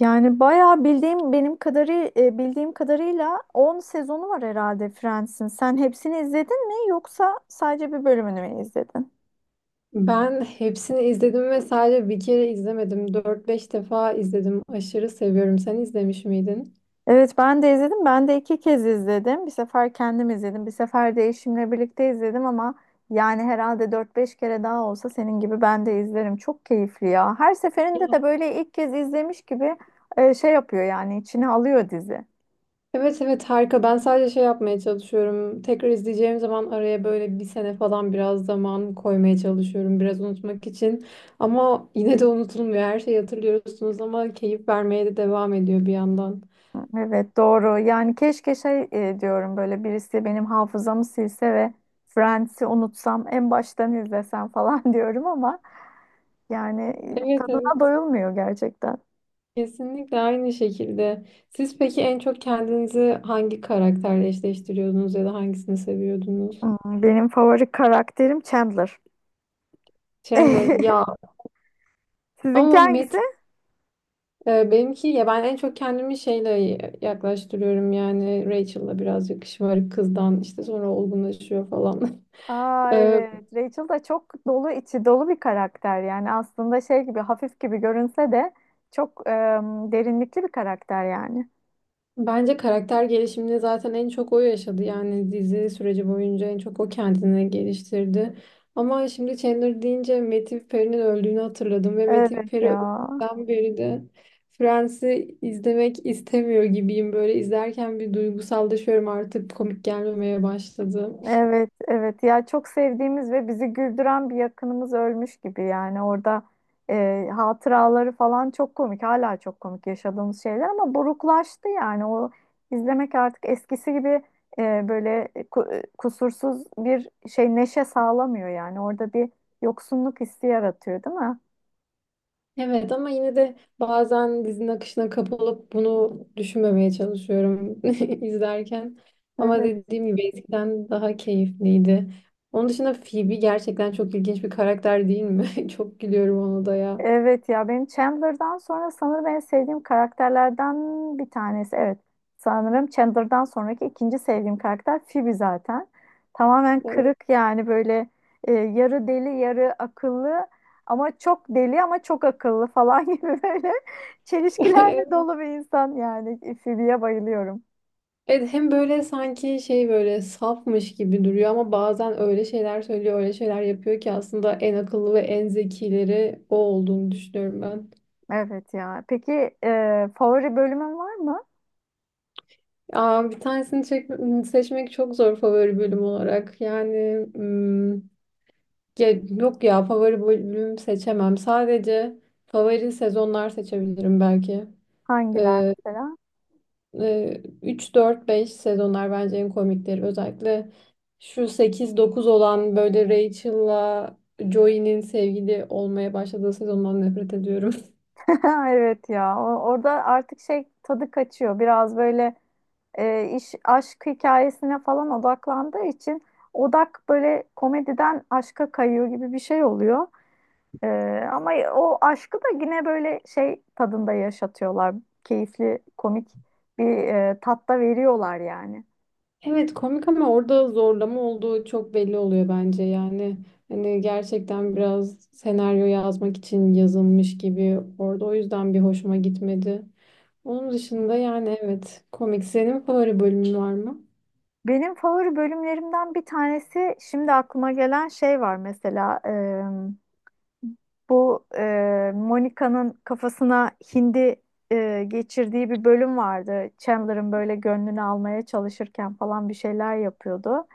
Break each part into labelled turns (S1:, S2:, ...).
S1: Yani bayağı bildiğim kadarıyla 10 sezonu var herhalde Friends'in. Sen hepsini izledin mi yoksa sadece bir bölümünü mü izledin?
S2: Ben hepsini izledim ve sadece bir kere izlemedim. Dört beş defa izledim. Aşırı seviyorum. Sen izlemiş miydin?
S1: Evet, ben de izledim. Ben de iki kez izledim. Bir sefer kendim izledim. Bir sefer de eşimle birlikte izledim ama yani herhalde dört beş kere daha olsa senin gibi ben de izlerim. Çok keyifli ya. Her seferinde de böyle ilk kez izlemiş gibi şey yapıyor, yani içine alıyor dizi.
S2: Evet, evet, harika. Ben sadece şey yapmaya çalışıyorum. Tekrar izleyeceğim zaman araya böyle bir sene falan biraz zaman koymaya çalışıyorum. Biraz unutmak için. Ama yine de unutulmuyor. Her şeyi hatırlıyorsunuz ama keyif vermeye de devam ediyor bir yandan.
S1: Evet, doğru. Yani keşke diyorum böyle birisi benim hafızamı silse ve Friends'i unutsam, en baştan izlesem falan diyorum ama yani
S2: Evet, evet.
S1: tadına doyulmuyor gerçekten.
S2: Kesinlikle aynı şekilde. Siz peki en çok kendinizi hangi karakterle eşleştiriyordunuz ya da hangisini seviyordunuz?
S1: Hmm, benim favori karakterim Chandler.
S2: Chandler ya,
S1: Sizinki
S2: ama
S1: hangisi?
S2: Matt. Benimki ya, ben en çok kendimi şeyle yaklaştırıyorum yani Rachel'la biraz yakışık kızdan işte sonra olgunlaşıyor falan.
S1: Aa,
S2: Ee,
S1: evet. Rachel da çok dolu, içi dolu bir karakter. Yani aslında şey gibi, hafif gibi görünse de çok derinlikli bir karakter yani.
S2: Bence karakter gelişimini zaten en çok o yaşadı yani dizi süreci boyunca en çok o kendini geliştirdi. Ama şimdi Chandler deyince Matthew Perry'nin öldüğünü hatırladım ve Matthew
S1: Evet
S2: Perry
S1: ya.
S2: öldükten beri de Friends'i izlemek istemiyor gibiyim, böyle izlerken bir duygusallaşıyorum, artık komik gelmemeye başladı.
S1: Evet, evet. Ya çok sevdiğimiz ve bizi güldüren bir yakınımız ölmüş gibi yani. Orada hatıraları falan çok komik. Hala çok komik yaşadığımız şeyler ama buruklaştı yani. O izlemek artık eskisi gibi e, böyle e, ku- e, kusursuz bir şey, neşe sağlamıyor yani. Orada bir yoksunluk hissi yaratıyor, değil mi?
S2: Evet, ama yine de bazen dizinin akışına kapılıp bunu düşünmemeye çalışıyorum izlerken. Ama dediğim gibi eskiden daha keyifliydi. Onun dışında Phoebe gerçekten çok ilginç bir karakter değil mi? Çok gülüyorum ona da ya.
S1: Evet ya, benim Chandler'dan sonra sanırım en sevdiğim karakterlerden bir tanesi. Evet, sanırım Chandler'dan sonraki ikinci sevdiğim karakter Phoebe zaten. Tamamen
S2: Evet.
S1: kırık yani, böyle yarı deli yarı akıllı, ama çok deli ama çok akıllı falan gibi, böyle çelişkilerle dolu bir insan yani. Phoebe'ye bayılıyorum.
S2: Evet, hem böyle sanki şey böyle safmış gibi duruyor ama bazen öyle şeyler söylüyor, öyle şeyler yapıyor ki aslında en akıllı ve en zekileri o olduğunu düşünüyorum.
S1: Evet ya, peki favori bölümün var mı?
S2: Aa, bir tanesini seçmek çok zor favori bölüm olarak. Yani ya, yok ya, favori bölüm seçemem. Sadece favori sezonlar seçebilirim belki.
S1: Hangiler
S2: Ee,
S1: mesela?
S2: 3, 4, 5 sezonlar bence en komikleri. Özellikle şu 8 9 olan böyle Rachel'la Joey'nin sevgili olmaya başladığı sezondan nefret ediyorum.
S1: Evet ya, orada artık şey, tadı kaçıyor biraz böyle. İş aşk hikayesine falan odaklandığı için odak böyle komediden aşka kayıyor gibi bir şey oluyor. E, Ama o aşkı da yine böyle şey tadında yaşatıyorlar. Keyifli, komik bir tatta veriyorlar yani.
S2: Evet komik, ama orada zorlama olduğu çok belli oluyor bence yani hani gerçekten biraz senaryo yazmak için yazılmış gibi orada, o yüzden bir hoşuma gitmedi. Onun
S1: Hı,
S2: dışında yani evet, komik. Senin favori bölümün var mı?
S1: benim favori bölümlerimden bir tanesi şimdi aklıma gelen şey var mesela, bu Monica'nın kafasına hindi geçirdiği bir bölüm vardı. Chandler'ın böyle gönlünü almaya çalışırken falan bir şeyler yapıyordu.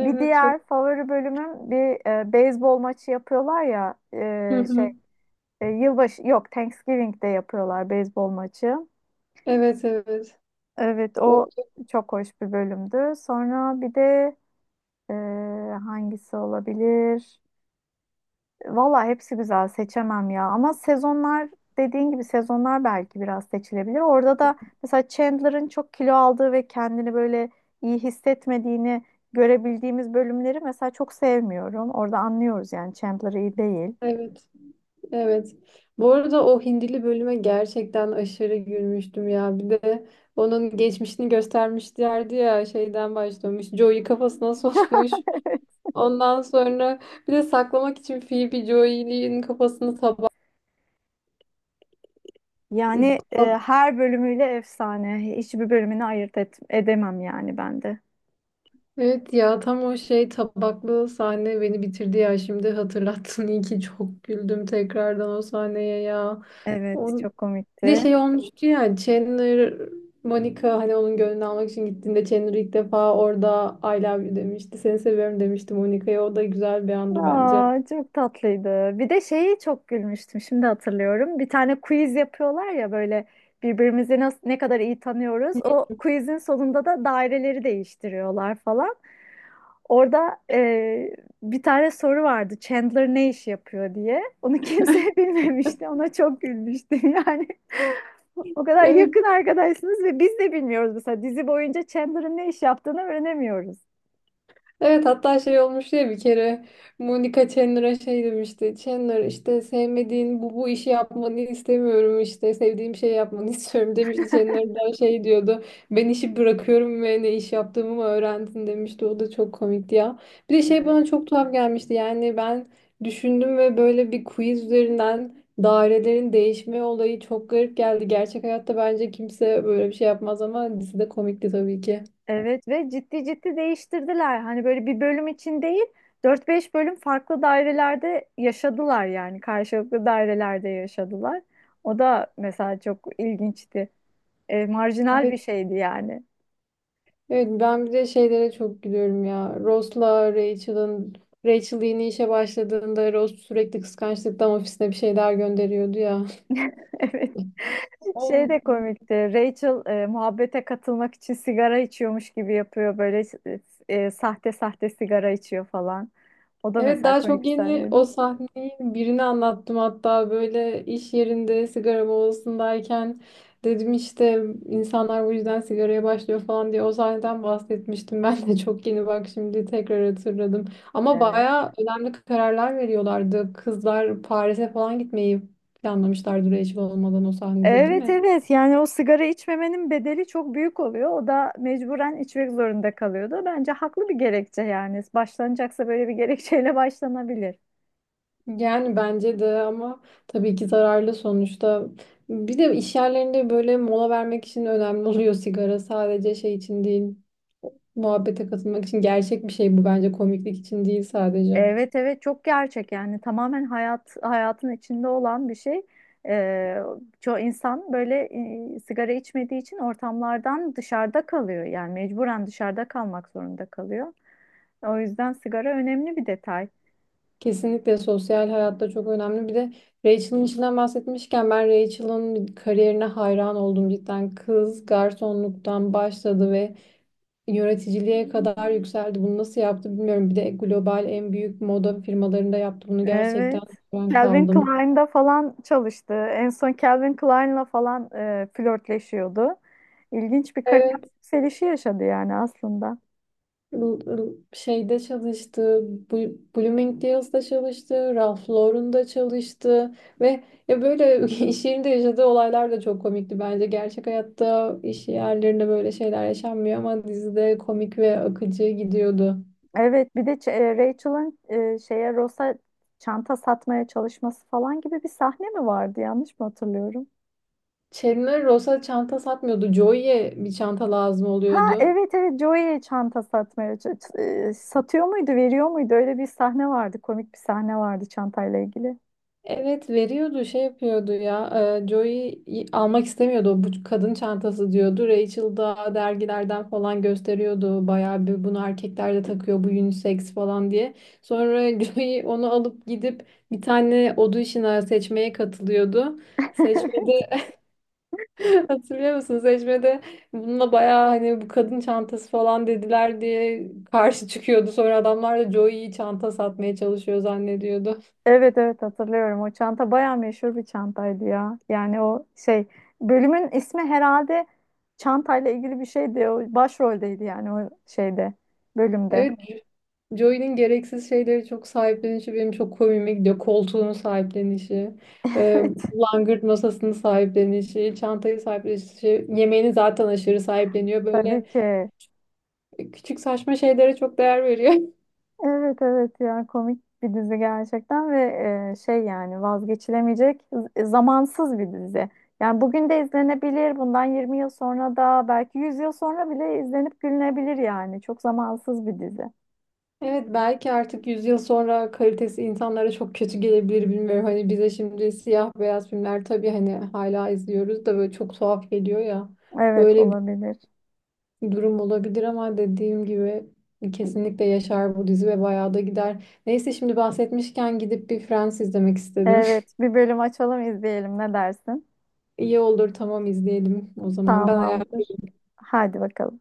S1: Bir
S2: çok.
S1: diğer favori bölümüm, bir beyzbol maçı yapıyorlar ya,
S2: Hı hı.
S1: yılbaşı yok, Thanksgiving'de yapıyorlar beyzbol maçı.
S2: Evet, evet.
S1: Evet, o
S2: O,
S1: çok hoş bir bölümdü. Sonra bir de Ee, hangisi olabilir? Valla hepsi güzel, seçemem ya. Ama sezonlar, dediğin gibi sezonlar belki biraz seçilebilir. Orada da mesela Chandler'ın çok kilo aldığı ve kendini böyle iyi hissetmediğini görebildiğimiz bölümleri mesela çok sevmiyorum. Orada anlıyoruz yani Chandler iyi değil.
S2: evet, evet. Bu arada o Hindili bölüme gerçekten aşırı gülmüştüm ya. Bir de onun geçmişini göstermişlerdi ya, şeyden başlamış. Joey kafasına sokmuş. Ondan sonra bir de saklamak için Phoebe Joy'nin kafasını tabak...
S1: Yani
S2: tab-
S1: her bölümüyle efsane. Hiçbir bölümünü edemem yani ben de.
S2: Evet ya, tam o şey tabaklı sahne beni bitirdi ya, şimdi hatırlattın, iyi ki çok güldüm tekrardan o sahneye ya.
S1: Evet,
S2: On...
S1: çok
S2: Bir de
S1: komikti.
S2: şey olmuştu ya, Chandler Monica hani onun gönlünü almak için gittiğinde, Chandler ilk defa orada I love you demişti. Seni seviyorum demişti Monica'ya. O da güzel bir andı bence.
S1: Aa, çok tatlıydı. Bir de şeyi çok gülmüştüm. Şimdi hatırlıyorum. Bir tane quiz yapıyorlar ya, böyle birbirimizi nasıl, ne kadar iyi tanıyoruz. O quizin sonunda da daireleri değiştiriyorlar falan. Orada bir tane soru vardı. Chandler ne iş yapıyor diye. Onu kimse bilmemişti. Ona çok gülmüştüm yani. O kadar
S2: Evet.
S1: yakın arkadaşsınız ve biz de bilmiyoruz, mesela dizi boyunca Chandler'ın ne iş yaptığını öğrenemiyoruz.
S2: Evet, hatta şey olmuştu ya bir kere, Monica Chandler'a şey demişti. Chandler, işte sevmediğin bu işi yapmanı istemiyorum, işte sevdiğim şey yapmanı istiyorum demişti. Chandler da şey diyordu. Ben işi bırakıyorum ve ne iş yaptığımı mı öğrendin demişti. O da çok komikti ya. Bir de şey bana çok tuhaf gelmişti. Yani ben düşündüm ve böyle bir quiz üzerinden dairelerin değişme olayı çok garip geldi. Gerçek hayatta bence kimse böyle bir şey yapmaz ama dizide komikti tabii ki.
S1: Evet, ve ciddi ciddi değiştirdiler. Hani böyle bir bölüm için değil, dört beş bölüm farklı dairelerde yaşadılar yani karşılıklı dairelerde yaşadılar. O da mesela çok ilginçti. Marjinal bir şeydi yani.
S2: Evet, ben bir de şeylere çok gülüyorum ya. Ross'la Rachel'ın, Rachel yeni işe başladığında Ross sürekli kıskançlıktan ofisine bir şeyler gönderiyordu ya.
S1: Evet. Şey de komikti. Rachel muhabbete katılmak için sigara içiyormuş gibi yapıyor. Böyle sahte sahte sigara içiyor falan. O da
S2: Evet,
S1: mesela
S2: daha
S1: komik bir
S2: çok yeni
S1: sahneydi.
S2: o sahneyi birini anlattım, hatta böyle iş yerinde sigara molasındayken dedim işte insanlar bu yüzden sigaraya başlıyor falan diye o sahneden bahsetmiştim. Ben de çok yeni, bak, şimdi tekrar hatırladım. Ama
S1: Evet.
S2: bayağı önemli kararlar veriyorlardı. Kızlar Paris'e falan gitmeyi planlamışlardı Rachel olmadan o sahnede, değil
S1: Evet,
S2: mi?
S1: evet, yani o sigara içmemenin bedeli çok büyük oluyor. O da mecburen içmek zorunda kalıyordu. Bence haklı bir gerekçe yani. Başlanacaksa böyle bir gerekçeyle başlanabilir.
S2: Yani bence de, ama tabii ki zararlı sonuçta. Bir de iş yerlerinde böyle mola vermek için önemli oluyor sigara. Sadece şey için değil, muhabbete katılmak için gerçek bir şey bu bence, komiklik için değil sadece.
S1: Evet evet, çok gerçek yani, tamamen hayat, hayatın içinde olan bir şey. Ee, Çoğu insan böyle sigara içmediği için ortamlardan dışarıda kalıyor. Yani mecburen dışarıda kalmak zorunda kalıyor. O yüzden sigara önemli bir detay.
S2: Kesinlikle sosyal hayatta çok önemli. Bir de Rachel'ın içinden bahsetmişken, ben Rachel'ın kariyerine hayran oldum cidden. Kız garsonluktan başladı ve yöneticiliğe kadar yükseldi. Bunu nasıl yaptı bilmiyorum. Bir de global en büyük moda firmalarında yaptı. Bunu gerçekten
S1: Evet.
S2: ben
S1: Calvin
S2: kaldım.
S1: Klein'da falan çalıştı. En son Calvin Klein'la falan flörtleşiyordu. İlginç bir kariyer
S2: Evet.
S1: yükselişi yaşadı yani aslında.
S2: Şeyde çalıştı, Bloomingdale's'da çalıştı, Ralph Lauren'da çalıştı ve ya böyle iş yerinde yaşadığı olaylar da çok komikti bence. Gerçek hayatta iş yerlerinde böyle şeyler yaşanmıyor ama dizide komik ve akıcı gidiyordu.
S1: Evet, bir de Rachel'ın şeye, Ross'a çanta satmaya çalışması falan gibi bir sahne mi vardı? Yanlış mı hatırlıyorum?
S2: Chandler Ross'a çanta satmıyordu, Joey'e bir çanta lazım
S1: Ha
S2: oluyordu.
S1: evet evet, Joey çanta satmaya satıyor muydu, veriyor muydu, öyle bir sahne vardı, komik bir sahne vardı çantayla ilgili.
S2: Evet veriyordu, şey yapıyordu ya, Joey almak istemiyordu, bu kadın çantası diyordu, Rachel da dergilerden falan gösteriyordu bayağı, bir bunu erkekler de takıyor, bu unisex falan diye sonra Joey onu alıp gidip bir tane audition'a, seçmeye katılıyordu, seçmede hatırlıyor musun seçmede, bununla bayağı hani bu kadın çantası falan dediler diye karşı çıkıyordu, sonra adamlar da Joey'yi çanta satmaya çalışıyor zannediyordu.
S1: Evet evet, hatırlıyorum. O çanta bayağı meşhur bir çantaydı ya. Yani o şey, bölümün ismi herhalde çantayla ilgili bir şeydi. O başroldeydi yani, o bölümde.
S2: Evet, Joey'nin gereksiz şeyleri çok sahiplenişi benim çok komiğime gidiyor. Koltuğunu sahiplenişi, e,
S1: Evet,
S2: langırt masasını sahiplenişi, çantayı sahiplenişi, şey, yemeğini zaten aşırı sahipleniyor.
S1: tabii
S2: Böyle
S1: ki.
S2: küçük saçma şeylere çok değer veriyor.
S1: Evet evet ya, komik bir dizi gerçekten ve yani vazgeçilemeyecek, zamansız bir dizi. Yani bugün de izlenebilir. Bundan 20 yıl sonra da, belki 100 yıl sonra bile izlenip gülünebilir yani. Çok zamansız bir dizi.
S2: Evet, belki artık 100 yıl sonra kalitesi insanlara çok kötü gelebilir, bilmiyorum. Hani bize şimdi siyah beyaz filmler tabii hani hala izliyoruz da böyle çok tuhaf geliyor ya.
S1: Evet,
S2: Öyle
S1: olabilir.
S2: durum olabilir ama dediğim gibi kesinlikle yaşar bu dizi ve bayağı da gider. Neyse, şimdi bahsetmişken gidip bir Friends izlemek istedim.
S1: Evet, bir bölüm açalım izleyelim, ne dersin?
S2: İyi olur, tamam, izleyelim o zaman. Ben
S1: Tamamdır. Hadi bakalım.